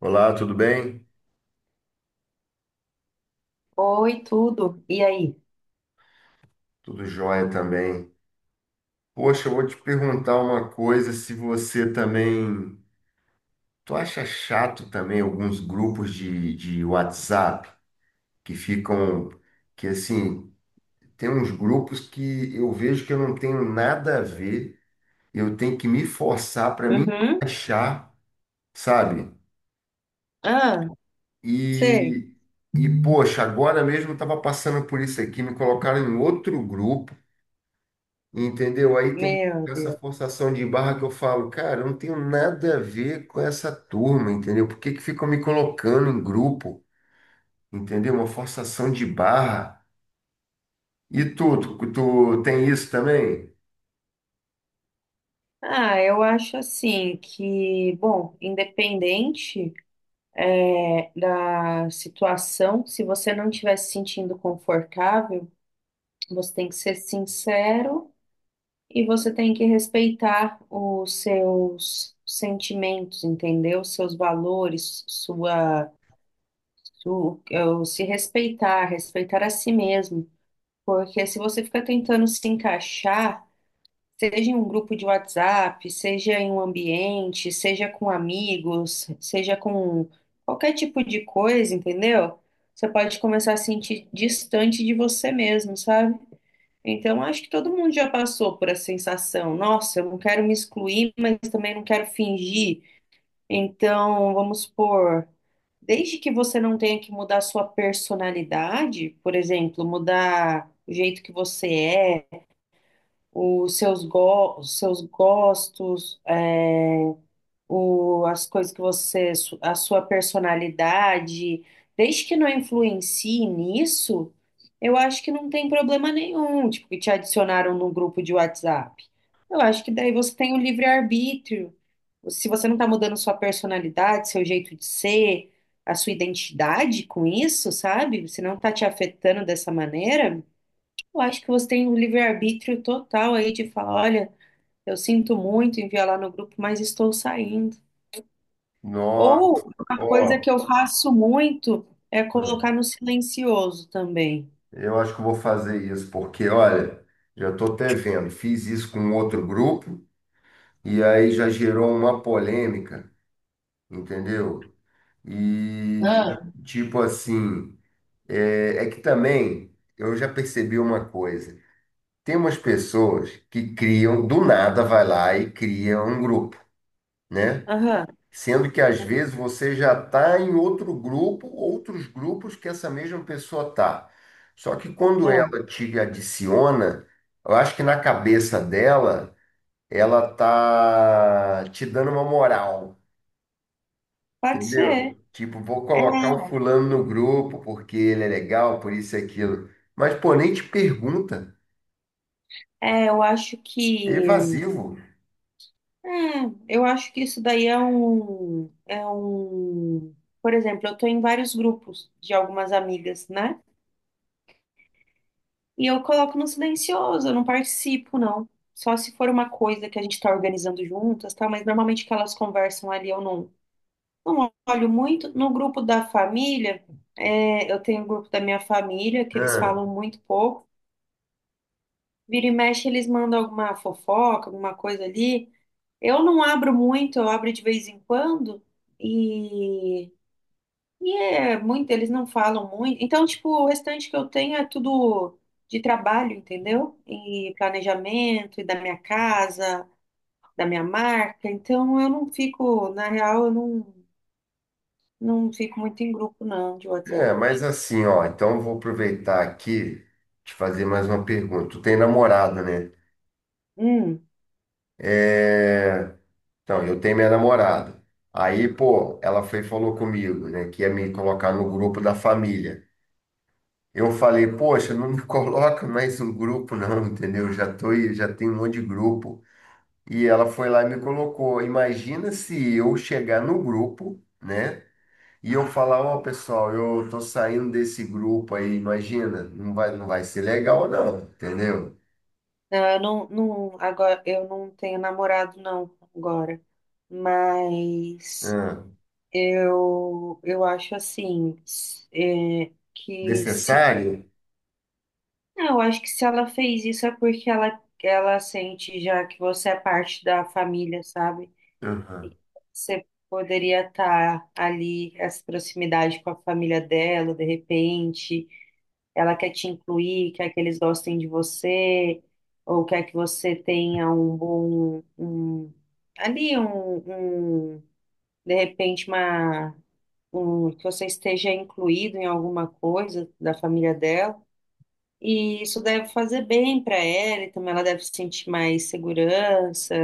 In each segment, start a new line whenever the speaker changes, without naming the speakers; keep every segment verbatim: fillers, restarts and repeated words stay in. Olá, tudo bem?
Oi, tudo. E aí?
Tudo jóia também. Poxa, eu vou te perguntar uma coisa, se você também, tu acha chato também alguns grupos de, de WhatsApp que ficam, que assim, tem uns grupos que eu vejo que eu não tenho nada a ver, eu tenho que me forçar para me
Uhum.
achar, sabe?
Ah, sei.
E, e poxa, agora mesmo eu estava passando por isso aqui, me colocaram em outro grupo. Entendeu? Aí tem que
Meu
ficar essa
Deus.
forçação de barra que eu falo, cara, eu não tenho nada a ver com essa turma, entendeu? Por que que ficam me colocando em grupo, entendeu? Uma forçação de barra. E tu, tu, tu tem isso também?
Ah, eu acho assim que, bom, independente é, da situação, se você não estiver se sentindo confortável, você tem que ser sincero e você tem que respeitar os seus sentimentos, entendeu? Seus valores, sua, su- eh, se respeitar, respeitar a si mesmo. Porque se você fica tentando se encaixar, seja em um grupo de WhatsApp, seja em um ambiente, seja com amigos, seja com qualquer tipo de coisa, entendeu? Você pode começar a se sentir distante de você mesmo, sabe? Então, acho que todo mundo já passou por essa sensação. Nossa, eu não quero me excluir, mas também não quero fingir. Então, vamos supor, desde que você não tenha que mudar sua personalidade, por exemplo, mudar o jeito que você é os seus, go os seus gostos, é, o, as coisas que você, su- a sua personalidade, desde que não influencie nisso, eu acho que não tem problema nenhum, tipo, que te adicionaram num grupo de WhatsApp. Eu acho que daí você tem o livre-arbítrio. Se você não está mudando sua personalidade, seu jeito de ser, a sua identidade com isso, sabe? Se não está te afetando dessa maneira, eu acho que você tem um livre-arbítrio total aí de falar, olha, eu sinto muito enviar lá no grupo, mas estou saindo.
Nossa,
Ou uma coisa que
ó,
eu faço muito é colocar no silencioso também.
eu acho que eu vou fazer isso, porque, olha, já estou até vendo, fiz isso com outro grupo e aí já gerou uma polêmica, entendeu? E ti- tipo assim. É, é que também eu já percebi uma coisa. Tem umas pessoas que criam, do nada vai lá e cria um grupo, né?
Aham,
Sendo que às vezes você já está em outro grupo, outros grupos que essa mesma pessoa tá. Só que quando
é.
ela te adiciona, eu acho que na cabeça dela, ela tá te dando uma moral.
Pode
Entendeu?
ser.
Tipo, vou colocar o fulano no grupo porque ele é legal, por isso e aquilo. Mas, pô, nem te pergunta.
É, é, eu acho
É
que
evasivo.
é, eu acho que isso daí é um é um, por exemplo, eu estou em vários grupos de algumas amigas, né? E eu coloco no silencioso, eu não participo, não. Só se for uma coisa que a gente está organizando juntas, tá? Mas normalmente que elas conversam ali, eu não, não olho muito. No grupo da família, é, eu tenho o grupo da minha família, que eles
Ah,
falam muito pouco. Vira e mexe, eles mandam alguma fofoca, alguma coisa ali. Eu não abro muito, eu abro de vez em quando. e e é muito, eles não falam muito. Então, tipo, o restante que eu tenho é tudo de trabalho, entendeu? E planejamento, e da minha casa, da minha marca. Então, eu não fico, na real, eu não, não fico muito em grupo, não, de
é,
WhatsApp.
mas assim, ó, então eu vou aproveitar aqui te fazer mais uma pergunta. Tu tem namorado, né?
Hum,
É... Então, eu tenho minha namorada. Aí, pô, ela foi e falou comigo, né, que ia me colocar no grupo da família. Eu falei, poxa, não me coloca mais no grupo, não, entendeu? Já tô, aí, já tenho um monte de grupo. E ela foi lá e me colocou. Imagina se eu chegar no grupo, né? E eu falar, ó, pessoal, eu tô saindo desse grupo aí, imagina, não vai, não vai ser legal, não, entendeu?
não, eu não. Não, agora, eu não tenho namorado, não, agora. Mas
Ah,
eu, eu acho assim, é, que se...
necessário?
Não, eu acho que se ela fez isso é porque ela, ela sente já que você é parte da família, sabe?
Aham.
Você poderia estar ali, essa proximidade com a família dela, de repente. Ela quer te incluir, quer que eles gostem de você, ou quer que você tenha um bom, um, ali, um, um, de repente, uma, um, que você esteja incluído em alguma coisa da família dela. E isso deve fazer bem para ela, e também ela deve sentir mais segurança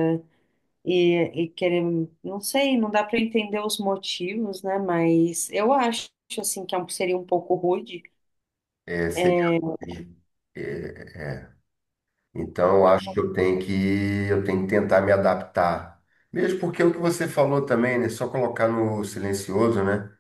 e, e querer, não sei, não dá para entender os motivos, né? Mas eu acho assim que é um- seria um pouco rude.
É, seria.
É,
É, então, eu acho que eu tenho que, eu tenho que tentar me adaptar. Mesmo porque o que você falou também, né? Só colocar no silencioso, né?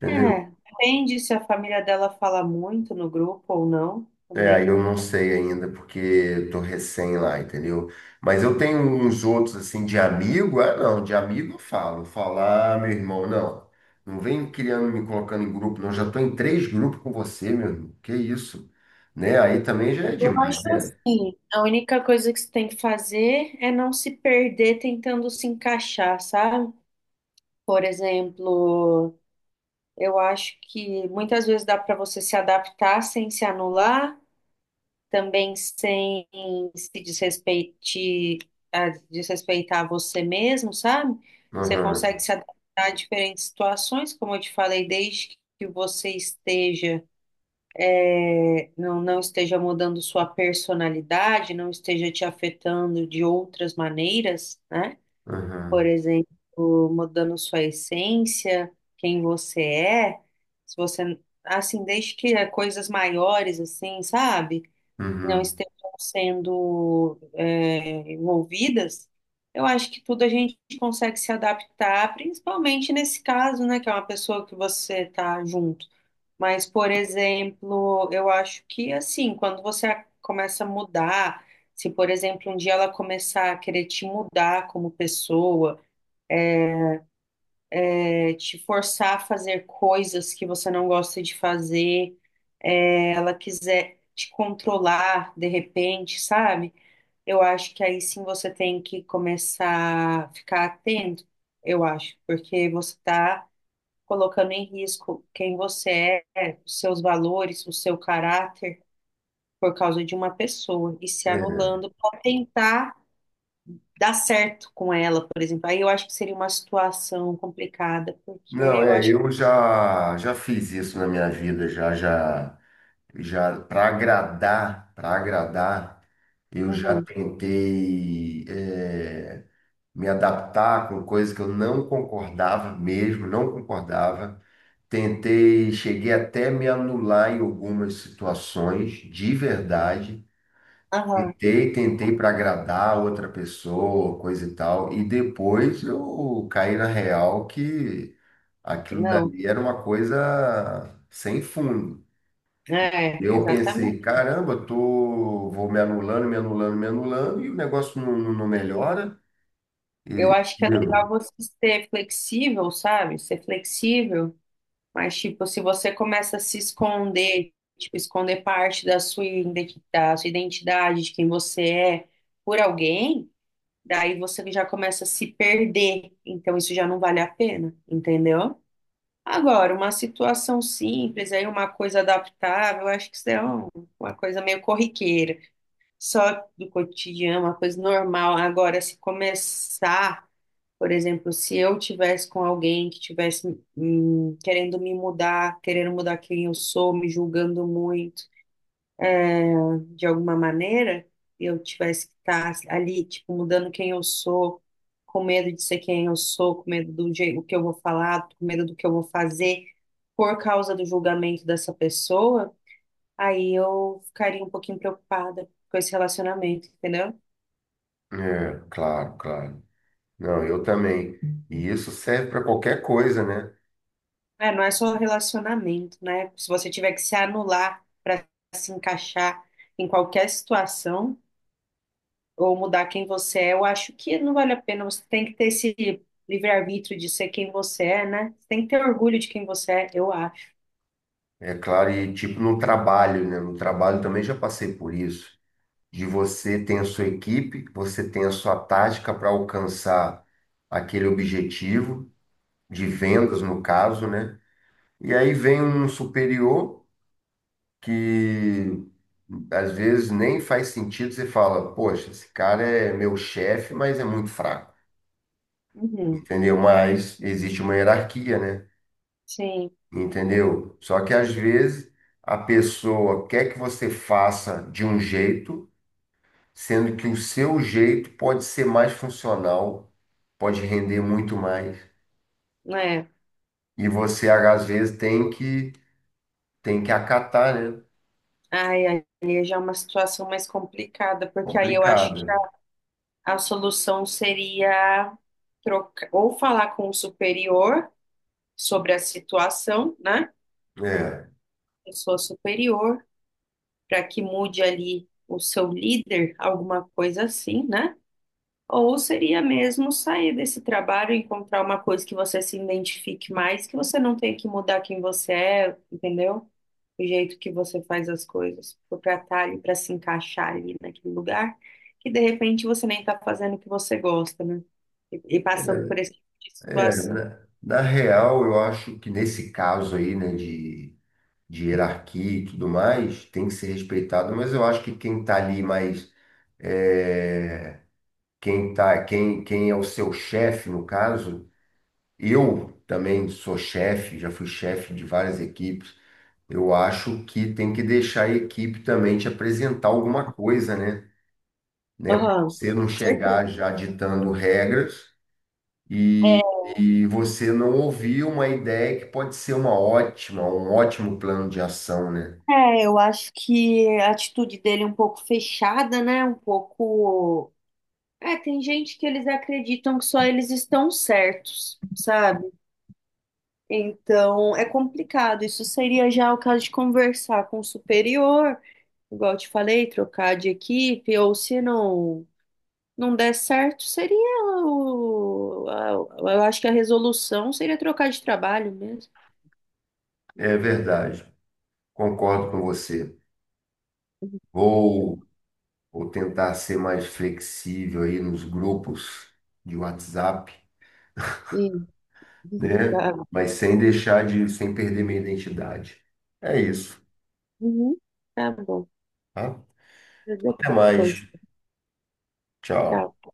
Entendeu?
é, depende se a família dela fala muito no grupo ou não
É, aí
também.
eu não sei ainda, porque eu tô recém lá, entendeu? Mas eu tenho uns outros, assim, de amigo. Ah, não, de amigo eu falo. Falar, ah, meu irmão, não. Não vem criando, me colocando em grupo, não. Já tô em três grupos com você, meu irmão. Que isso? Né? Aí também já é
Eu
demais,
acho
né?
assim, a única coisa que você tem que fazer é não se perder tentando se encaixar, sabe? Por exemplo. Eu acho que muitas vezes dá para você se adaptar sem se anular, também sem se desrespeite- desrespeitar você mesmo, sabe? Você
Aham,
consegue se adaptar a diferentes situações, como eu te falei, desde que você esteja, é, não, não esteja mudando sua personalidade, não esteja te afetando de outras maneiras, né? Por
aham,
exemplo, mudando sua essência, quem você é, se você, assim, desde que é coisas maiores, assim, sabe, não
uhum.
estejam sendo é, envolvidas, eu acho que tudo a gente consegue se adaptar, principalmente nesse caso, né, que é uma pessoa que você tá junto. Mas, por exemplo, eu acho que, assim, quando você a- começa a mudar, se, por exemplo, um dia ela começar a querer te mudar como pessoa, é, te forçar a fazer coisas que você não gosta de fazer, é, ela quiser te controlar de repente, sabe? Eu acho que aí sim você tem que começar a ficar atento, eu acho, porque você está colocando em risco quem você é, os seus valores, o seu caráter, por causa de uma pessoa, e se
É.
anulando para tentar dar certo com ela, por exemplo. Aí eu acho que seria uma situação complicada, porque
Não,
eu
é,
acho que...
eu já, já fiz isso na minha vida, já, já, já, para agradar, para agradar, eu já
Uhum.
tentei. É, me adaptar com coisas que eu não concordava mesmo, não concordava. Tentei, cheguei até me anular em algumas situações, de verdade.
Aham.
Tentei, tentei para agradar outra pessoa, coisa e tal. E depois eu caí na real que aquilo
Não,
dali era uma coisa sem fundo.
é,
Eu pensei,
exatamente.
caramba, eu tô, vou me anulando, me anulando, me anulando, e o negócio não, não não melhora.
Eu
E,
acho que é legal
entendeu?
você ser flexível, sabe? Ser flexível, mas tipo, se você começa a se esconder, tipo, esconder parte da sua identidade da sua identidade, de quem você é, por alguém, daí você já começa a se perder. Então isso já não vale a pena, entendeu? Agora, uma situação simples, aí uma coisa adaptável, eu acho que isso é um- uma coisa meio corriqueira, só do cotidiano, uma coisa normal. Agora, se começar, por exemplo, se eu tivesse com alguém que tivesse hum, querendo me mudar, querendo mudar quem eu sou, me julgando muito de alguma maneira, eu tivesse que estar ali, tipo, mudando quem eu sou, com medo de ser quem eu sou, com medo do jeito que eu vou falar, com medo do que eu vou fazer, por causa do julgamento dessa pessoa, aí eu ficaria um pouquinho preocupada com esse relacionamento, entendeu?
É, claro, claro. Não, eu também. E isso serve para qualquer coisa, né?
É, não é só relacionamento, né? Se você tiver que se anular para se encaixar em qualquer situação ou mudar quem você é, eu acho que não vale a pena. Você tem que ter esse livre-arbítrio de ser quem você é, né? Você tem que ter orgulho de quem você é, eu acho.
É claro, e tipo no trabalho, né? No trabalho também já passei por isso. De você tem a sua equipe, você tem a sua tática para alcançar aquele objetivo de vendas, no caso, né? E aí vem um superior que às vezes nem faz sentido, você fala, poxa, esse cara é meu chefe, mas é muito fraco,
Uhum,
entendeu? Mas existe uma hierarquia, né?
sim,
Entendeu? Só que às vezes a pessoa quer que você faça de um jeito, sendo que o seu jeito pode ser mais funcional, pode render muito mais.
né?
E você às vezes tem que tem que acatar, né?
Ai, aí já é uma situação mais complicada, porque aí eu acho que
Complicado.
a solução seria trocar ou falar com o superior sobre a situação, né?
É,
Pessoa superior, para que mude ali o seu líder, alguma coisa assim, né? Ou seria mesmo sair desse trabalho e encontrar uma coisa que você se identifique mais, que você não tenha que mudar quem você é, entendeu? O jeito que você faz as coisas, para estar ali, para se encaixar ali naquele lugar, que de repente você nem está fazendo o que você gosta, né? E, e
é,
passando por esse tipo de
é,
situação.
na, na real, eu acho que nesse caso aí, né, de, de hierarquia e tudo mais, tem que ser respeitado, mas eu acho que quem está ali mais é, quem tá, quem, quem é o seu chefe, no caso, eu também sou chefe, já fui chefe de várias equipes. Eu acho que tem que deixar a equipe também te apresentar alguma coisa, né? Né? Pra
Aham,
você não
certo.
chegar já ditando regras e, e você não ouvir uma ideia que pode ser uma ótima, um ótimo plano de ação, né?
É, eu acho que a atitude dele é um pouco fechada, né? Um pouco. É, tem gente que eles acreditam que só eles estão certos, sabe? Então é complicado. Isso seria já o caso de conversar com o superior, igual eu te falei, trocar de equipe, ou se não, não der certo, seria o. a- eu acho que a resolução seria trocar de trabalho mesmo.
É verdade. Concordo com você. Vou ou tentar ser mais flexível aí nos grupos de WhatsApp,
E,
né?
tá.
Mas sem deixar de, sem perder minha identidade. É isso,
Uhum, tá bom.
tá?
Até
Até
depois,
mais. Tchau.
tchau.